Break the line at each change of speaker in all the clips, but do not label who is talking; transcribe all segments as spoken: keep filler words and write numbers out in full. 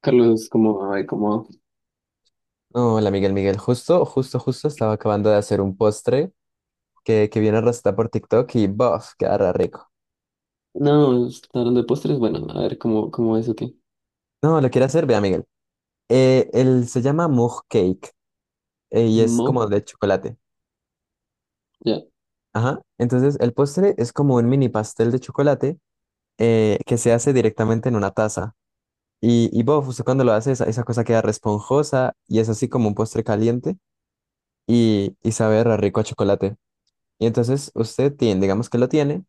Carlos, como, ay, como,
No, hola Miguel, Miguel, justo, justo, justo estaba acabando de hacer un postre que, que viene receta por TikTok y ¡bof! Quedará rico.
no, estaban de postres. Bueno, a ver, ¿cómo, cómo es o qué?
No, lo quiere hacer, vea Miguel. Eh, él se llama Mug Cake, eh, y es
Mo,
como de chocolate.
ya.
Ajá. Entonces el postre es como un mini pastel de chocolate, eh, que se hace directamente en una taza. Y, y ¡bof! Usted cuando lo hace esa, esa cosa queda responjosa y es así como un postre caliente, y, y sabe re rico a chocolate. Y entonces usted tiene, digamos que lo tiene.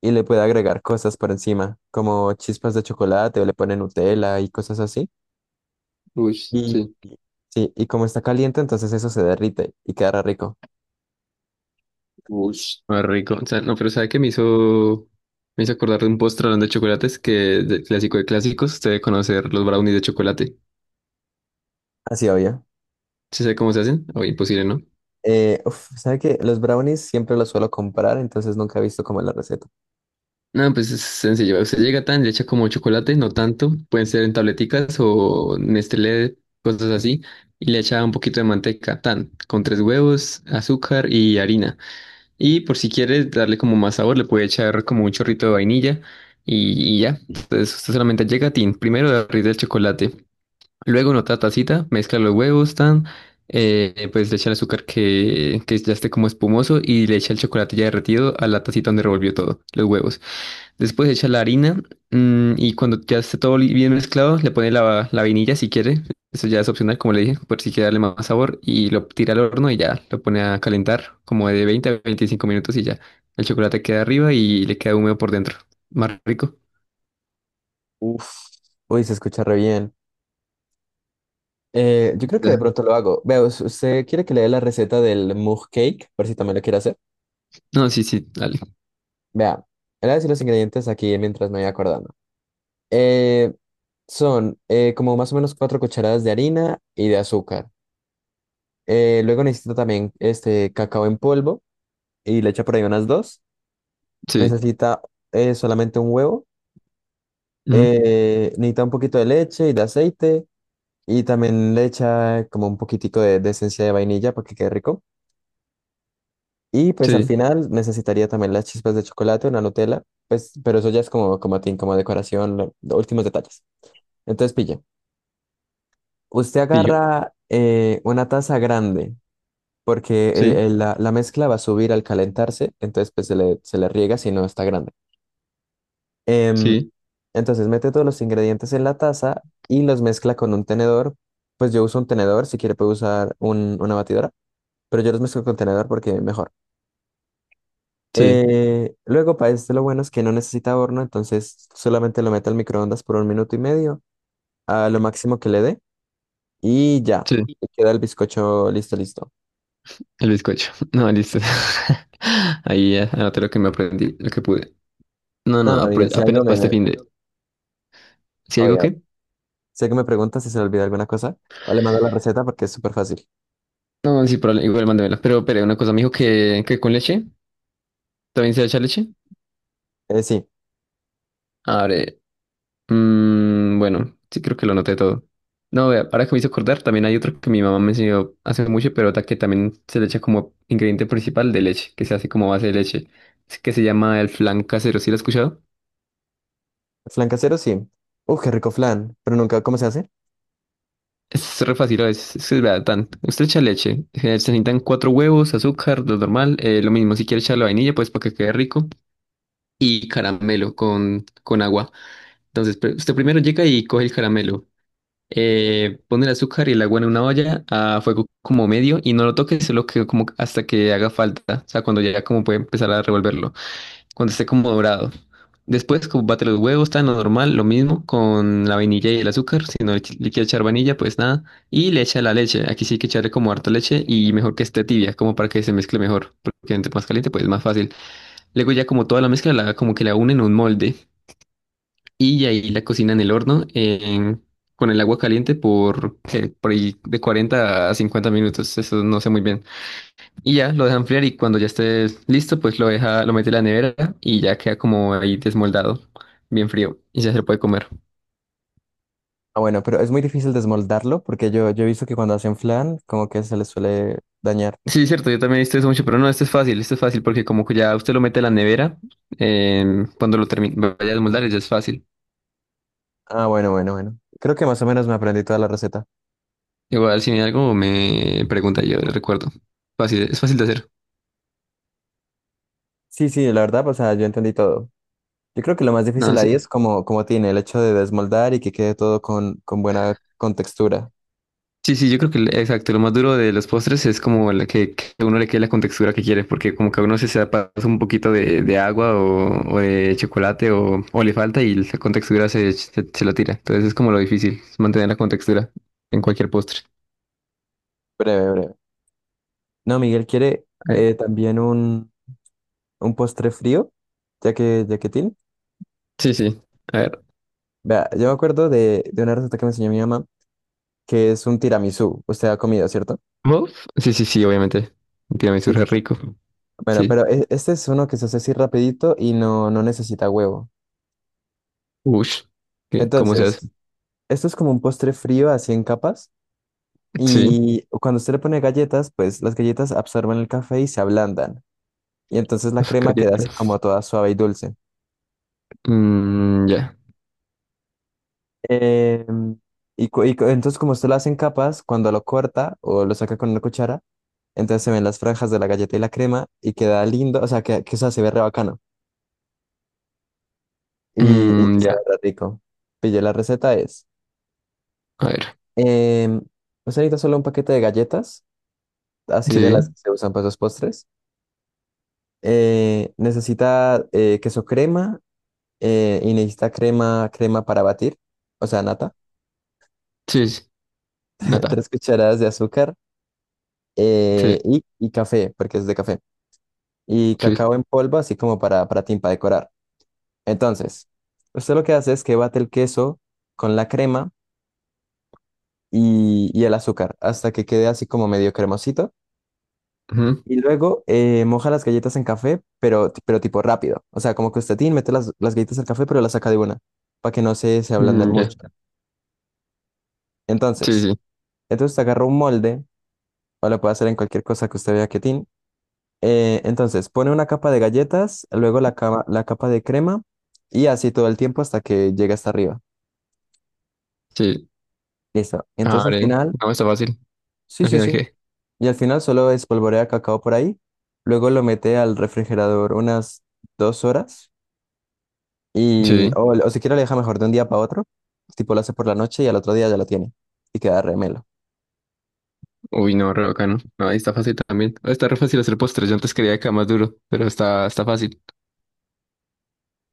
Y le puede agregar cosas por encima, como chispas de chocolate o le pone Nutella y cosas así.
Uy,
Y
sí.
sí, y como está caliente, entonces eso se derrite y quedará rico.
Uy, más rico. O sea, no, pero ¿sabe qué me hizo, me hizo acordar de un postre, hablando de chocolates, que, de clásico de clásicos, usted debe conocer los brownies de chocolate?
Así obvio.
¿Sí sabe cómo se hacen? O imposible, ¿no?
Eh, uf, ¿sabe qué? Los brownies siempre los suelo comprar, entonces nunca he visto como la receta.
No, pues es sencillo, usted llega, tan, le echa como chocolate, no tanto, pueden ser en tableticas o Nestlé, cosas así, y le echa un poquito de manteca, tan, con tres huevos, azúcar y harina. Y por si quieres darle como más sabor, le puede echar como un chorrito de vainilla, y, y ya. Entonces usted solamente llega, tin, primero le derrite del chocolate, luego en otra tacita mezcla los huevos, tan, eh, pues le echa el azúcar, que, que ya esté como espumoso, y le echa el chocolate ya derretido a la tacita donde revolvió todo, los huevos. Después echa la harina, mm, y cuando ya esté todo li- bien mezclado, le pone la, la vainilla si quiere. Eso ya es opcional, como le dije, por si quiere darle más sabor. Y lo tira al horno y ya lo pone a calentar como de veinte a veinticinco minutos y ya. El chocolate queda arriba y le queda húmedo por dentro. Más rico.
Uf, uy, se escucha re bien. Eh, yo creo que de
Ya.
pronto lo hago. Vea, ¿us- ¿usted quiere que le dé la receta del mug cake? Por si también lo quiere hacer.
No, sí, sí, dale.
Vea, le voy a decir los ingredientes aquí mientras me voy acordando. Eh, son eh, como más o menos cuatro cucharadas de harina y de azúcar. Eh, luego necesita también este cacao en polvo y le echa por ahí unas dos.
Sí.
Necesita eh, solamente un huevo.
Ujú.
Eh, necesita un poquito de leche y de aceite. Y también le echa como un poquitico de, de esencia de vainilla para que quede rico. Y pues al
Sí.
final necesitaría también las chispas de chocolate, una Nutella. Pues, pero eso ya es como, como a ti, como decoración, lo- los últimos detalles. Entonces pille. Usted
Y yo.
agarra eh, una taza grande porque el-
Sí,
el- la, la mezcla va a subir al calentarse, entonces pues se le, se le riega si no está grande. Em,
sí,
entonces mete todos los ingredientes en la taza y los mezcla con un tenedor. Pues yo uso un tenedor, si quiere puede usar un- una batidora, pero yo los mezclo con tenedor porque mejor.
sí,
Eh, luego para este lo bueno es que no necesita horno, entonces solamente lo mete al microondas por un minuto y medio, a lo máximo que le dé y ya,
sí.
queda el bizcocho listo, listo.
El bizcocho. No, listo. Ahí ya anoté lo que me aprendí, lo que pude. No,
No,
no,
no, Miguel,
apro-
si algo
apenas para
me...
este fin de... ¿Sí algo
Oye,
qué?
si algo me preguntas si se le olvida alguna cosa, vale, mando la receta porque es súper fácil.
No, sí, probable- igual mándamela. Pero, pero una cosa, me dijo que, que, con leche. ¿También se echa leche?
Eh, sí,
Abre. Mm, bueno, sí creo que lo noté todo. No, vea, ahora que me hizo acordar, también hay otro que mi mamá me enseñó hace mucho, pero ta- que también se le echa como ingrediente principal de leche, que se hace como base de leche. Es que se llama el flan casero, ¿sí lo has escuchado?
flan casero, sí. Uf, qué rico flan, pero nunca, ¿cómo se hace?
Es re fácil, es, es, es verdad, tan. Usted echa leche, eh, se necesitan cuatro huevos, azúcar, lo normal, eh, lo mismo, si quiere echarle vainilla, pues para que quede rico, y caramelo con, con agua. Entonces, pr- usted primero llega y coge el caramelo, eh, pone el azúcar y el agua en una olla a fuego como medio y no lo toque, solo que como hasta que haga falta, o sea, cuando ya como puede empezar a revolverlo, cuando esté como dorado. Después, como bate los huevos, tan normal, lo mismo con la vainilla y el azúcar, si no le, ch- le quiere echar vainilla, pues nada, y le echa la leche, aquí sí hay que echarle como harta leche y mejor que esté tibia, como para que se mezcle mejor, porque entre más caliente pues es más fácil. Luego ya como toda la mezcla la como que la une en un molde. Y ahí la cocina en el horno en- con el agua caliente por, ¿qué? Por ahí de cuarenta a cincuenta minutos, eso no sé muy bien. Y ya lo deja enfriar y cuando ya esté listo, pues lo deja, lo mete en la nevera, y ya queda como ahí desmoldado, bien frío y ya se lo puede comer.
Ah, bueno, pero es muy difícil desmoldarlo porque yo, yo he visto que cuando hacen flan, como que se les suele dañar.
Sí, es cierto, yo también he visto eso mucho, pero no, esto es fácil, esto es fácil porque como que ya usted lo mete en la nevera, em, cuando lo termine, vaya a desmoldar ya es fácil.
Ah, bueno, bueno, bueno. Creo que más o menos me aprendí toda la receta.
Igual si hay algo me pregunta, yo le recuerdo. Fácil, es fácil de hacer.
Sí, sí, la verdad, o sea, yo entendí todo. Yo creo que lo más
No,
difícil ahí
sí.
es como, como tiene el hecho de desmoldar y que quede todo con, con buena contextura.
Sí, sí, yo creo que el- exacto, lo más duro de los postres es como la que, que a uno le quede la contextura que quiere, porque como que a uno se se pasa un poquito de, de, agua o, o de chocolate o, o le falta y la contextura se, se, se lo tira. Entonces es como lo difícil, es mantener la contextura en cualquier postre.
Breve, breve. No, Miguel quiere eh,
Eh,
también un... un postre frío, ya que, ya que tiene.
sí, sí. A ver,
Vea, yo me acuerdo de, de una receta que me enseñó mi mamá, que es un tiramisú. Usted ha comido, ¿cierto?
¿muff? Sí, sí, sí, obviamente. Un Tiramisú
Sí, sí,
es
sí.
rico.
Bueno,
Sí.
pero e- este es uno que se hace así rapidito y no, no necesita huevo.
Ush. ¿Qué? ¿Cómo se hace?
Entonces, esto es como un postre frío así en capas
Sí,
y cuando usted le pone galletas, pues las galletas absorben el café y se ablandan. Y entonces la
las
crema queda así
galletas.
como toda suave y dulce.
Mm, ya.
Eh, y, cu- y cu- entonces como usted lo hace en capas, cuando lo corta o lo saca con una cuchara, entonces se ven las franjas de la galleta y la crema y queda lindo, o sea, que, que o sea, se ve re bacano, y, y
Mm,
sabe
ya.
re rico. Pillé la receta es,
A ver.
em, usted necesita solo un paquete de galletas, así de las
Sí,
que se usan para esos postres. Eh, necesita eh, queso crema, eh, y necesita crema, crema para batir, o sea, nata,
sí, sí. Nata.
tres cucharadas de azúcar, eh,
Sí.
y, y café, porque es de café. Y
Sí.
cacao en polvo, así como para, para ti, para decorar. Entonces, usted lo que hace es que bate el queso con la crema y, y el azúcar hasta que quede así como medio cremosito.
Ujú.
Y luego eh, moja las galletas en café, pero, pero tipo rápido. O sea, como que usted tiene, mete las, las galletas al café, pero las saca de una, para que no se, se ablanden
Mm, ya.
mucho.
Sí,
Entonces,
sí.
entonces usted agarra un molde, o lo puede hacer en cualquier cosa que usted vea que tiene. Eh, entonces, pone una capa de galletas, luego la cama- la capa de crema y así todo el tiempo hasta que llegue hasta arriba.
Sí.
Listo. Entonces al
Abre.
final,
No, está fácil.
sí,
Al
sí,
final,
sí.
¿qué?
Y al final solo espolvorea cacao por ahí. Luego lo mete al refrigerador unas dos horas y,
Sí.
o, o si quiere, lo deja mejor de un día para otro. Tipo lo hace por la noche y al otro día ya lo tiene y queda remelo.
Uy, no, re bacano. No, ahí está fácil también. Está re fácil hacer postres. Yo antes quería que era más duro, pero está, está fácil.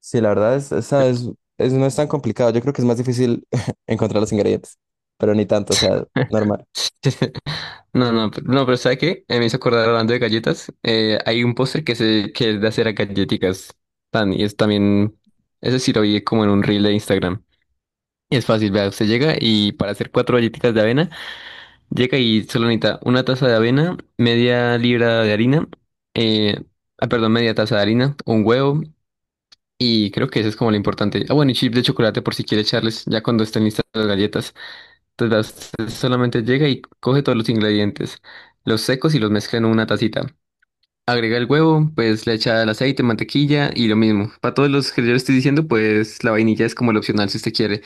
Sí, la verdad es, esa es, es- no es tan complicado. Yo creo que es más difícil encontrar los ingredientes, pero ni tanto, o sea, normal.
No, no, pero- no, pero ¿sabe qué? Eh, me hizo acordar hablando de galletas. Eh, hay un postre que se que es de hacer a galletitas. Tan, y es también. Ese sí lo vi como en un reel de Instagram. Y es fácil, vea, usted llega y para hacer cuatro galletitas de avena. Llega y solo necesita una taza de avena, media libra de harina, eh, ah, perdón, media taza de harina, un huevo, y creo que eso es como lo importante. Ah, bueno, y chip de chocolate por si quiere echarles ya cuando estén listas las galletas. Entonces, las- solamente llega y coge todos los ingredientes, los secos y los mezcla en una tacita. Agrega el huevo, pues le echa el aceite, mantequilla y lo mismo. Para todos los que yo le estoy diciendo, pues la vainilla es como el opcional si usted quiere.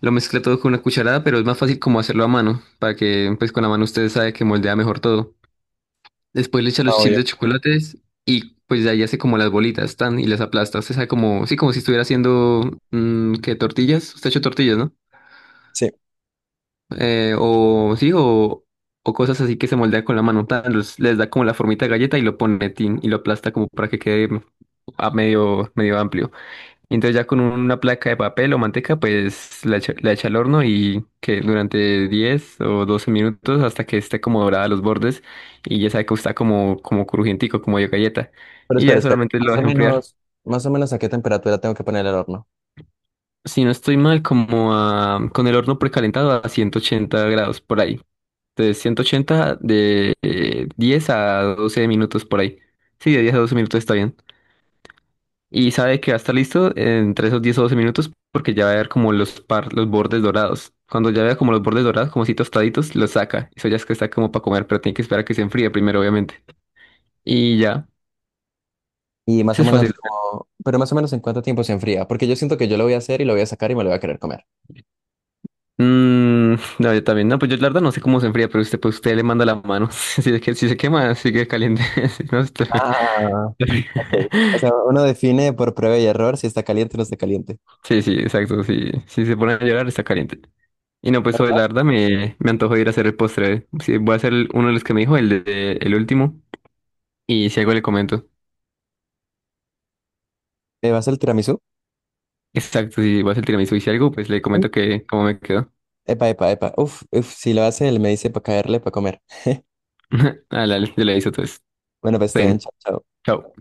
Lo mezcla todo con una cucharada, pero es más fácil como hacerlo a mano, para que pues con la mano usted sabe que moldea mejor todo. Después le echa
Ah,
los chips
obvio.
de chocolates y pues de ahí hace como las bolitas, tan, y las aplasta. Usted sabe como, sí, como si estuviera haciendo, mm, ¿qué tortillas? Usted ha hecho tortillas, ¿no?
Sí.
Eh, o sí, o, o cosas así que se moldea con la mano, tan, los- les da como la formita de galleta y lo pone tin y lo aplasta como para que quede a medio, medio amplio. Y entonces ya con una placa de papel o manteca, pues la echa, la echa al horno y que durante diez o doce minutos hasta que esté como dorada a los bordes y ya sabe que está como, como crujientico, como de galleta.
Pero
Y ya
espere, espere.
solamente lo
Más o
deja enfriar.
menos, más o menos a qué temperatura tengo que poner el horno.
Si no estoy mal, como a- con el horno precalentado a ciento ochenta grados por ahí. Entonces ciento ochenta de eh, diez a doce minutos por ahí. Sí, de diez a doce minutos está bien. Y sabe que va a estar listo entre esos diez o doce minutos porque ya va a ver como los, par, los bordes dorados. Cuando ya vea como los bordes dorados, como si tostaditos, los saca. Eso ya es que está como para comer, pero tiene que esperar a que se enfríe primero, obviamente. Y ya,
Y más
eso
o
es
menos
fácil.
como, pero más o menos en cuánto tiempo se enfría. Porque yo siento que yo lo voy a hacer y lo voy a sacar y me lo voy a querer comer.
Mm, no, yo también. No, pues yo la verdad no sé cómo se enfría, pero usted, pues usted le manda la mano. Si se, que- si se quema, sigue caliente. Si no, usted-
Ah, ok. O sea, uno define por prueba y error si está caliente o no está caliente.
Sí, sí, exacto. Sí. Si se pone a llorar, está caliente. Y no,
¿La
pues hoy
verdad?
la verdad me, me antojo de ir a hacer el postre. Sí, voy a hacer el- uno de los que me dijo, el de, el último. Y si algo le comento.
¿Me vas el tiramisú?
Exacto, si vas a hacer el tiramisú y si algo, pues le comento que cómo me quedó.
Epa, epa, epa. Uf, uf, si lo hace, él me dice para caerle, para comer.
Ah, la, yo le aviso, entonces.
Bueno, pues
Está
estoy en
bien.
chao. Chao.
Chao.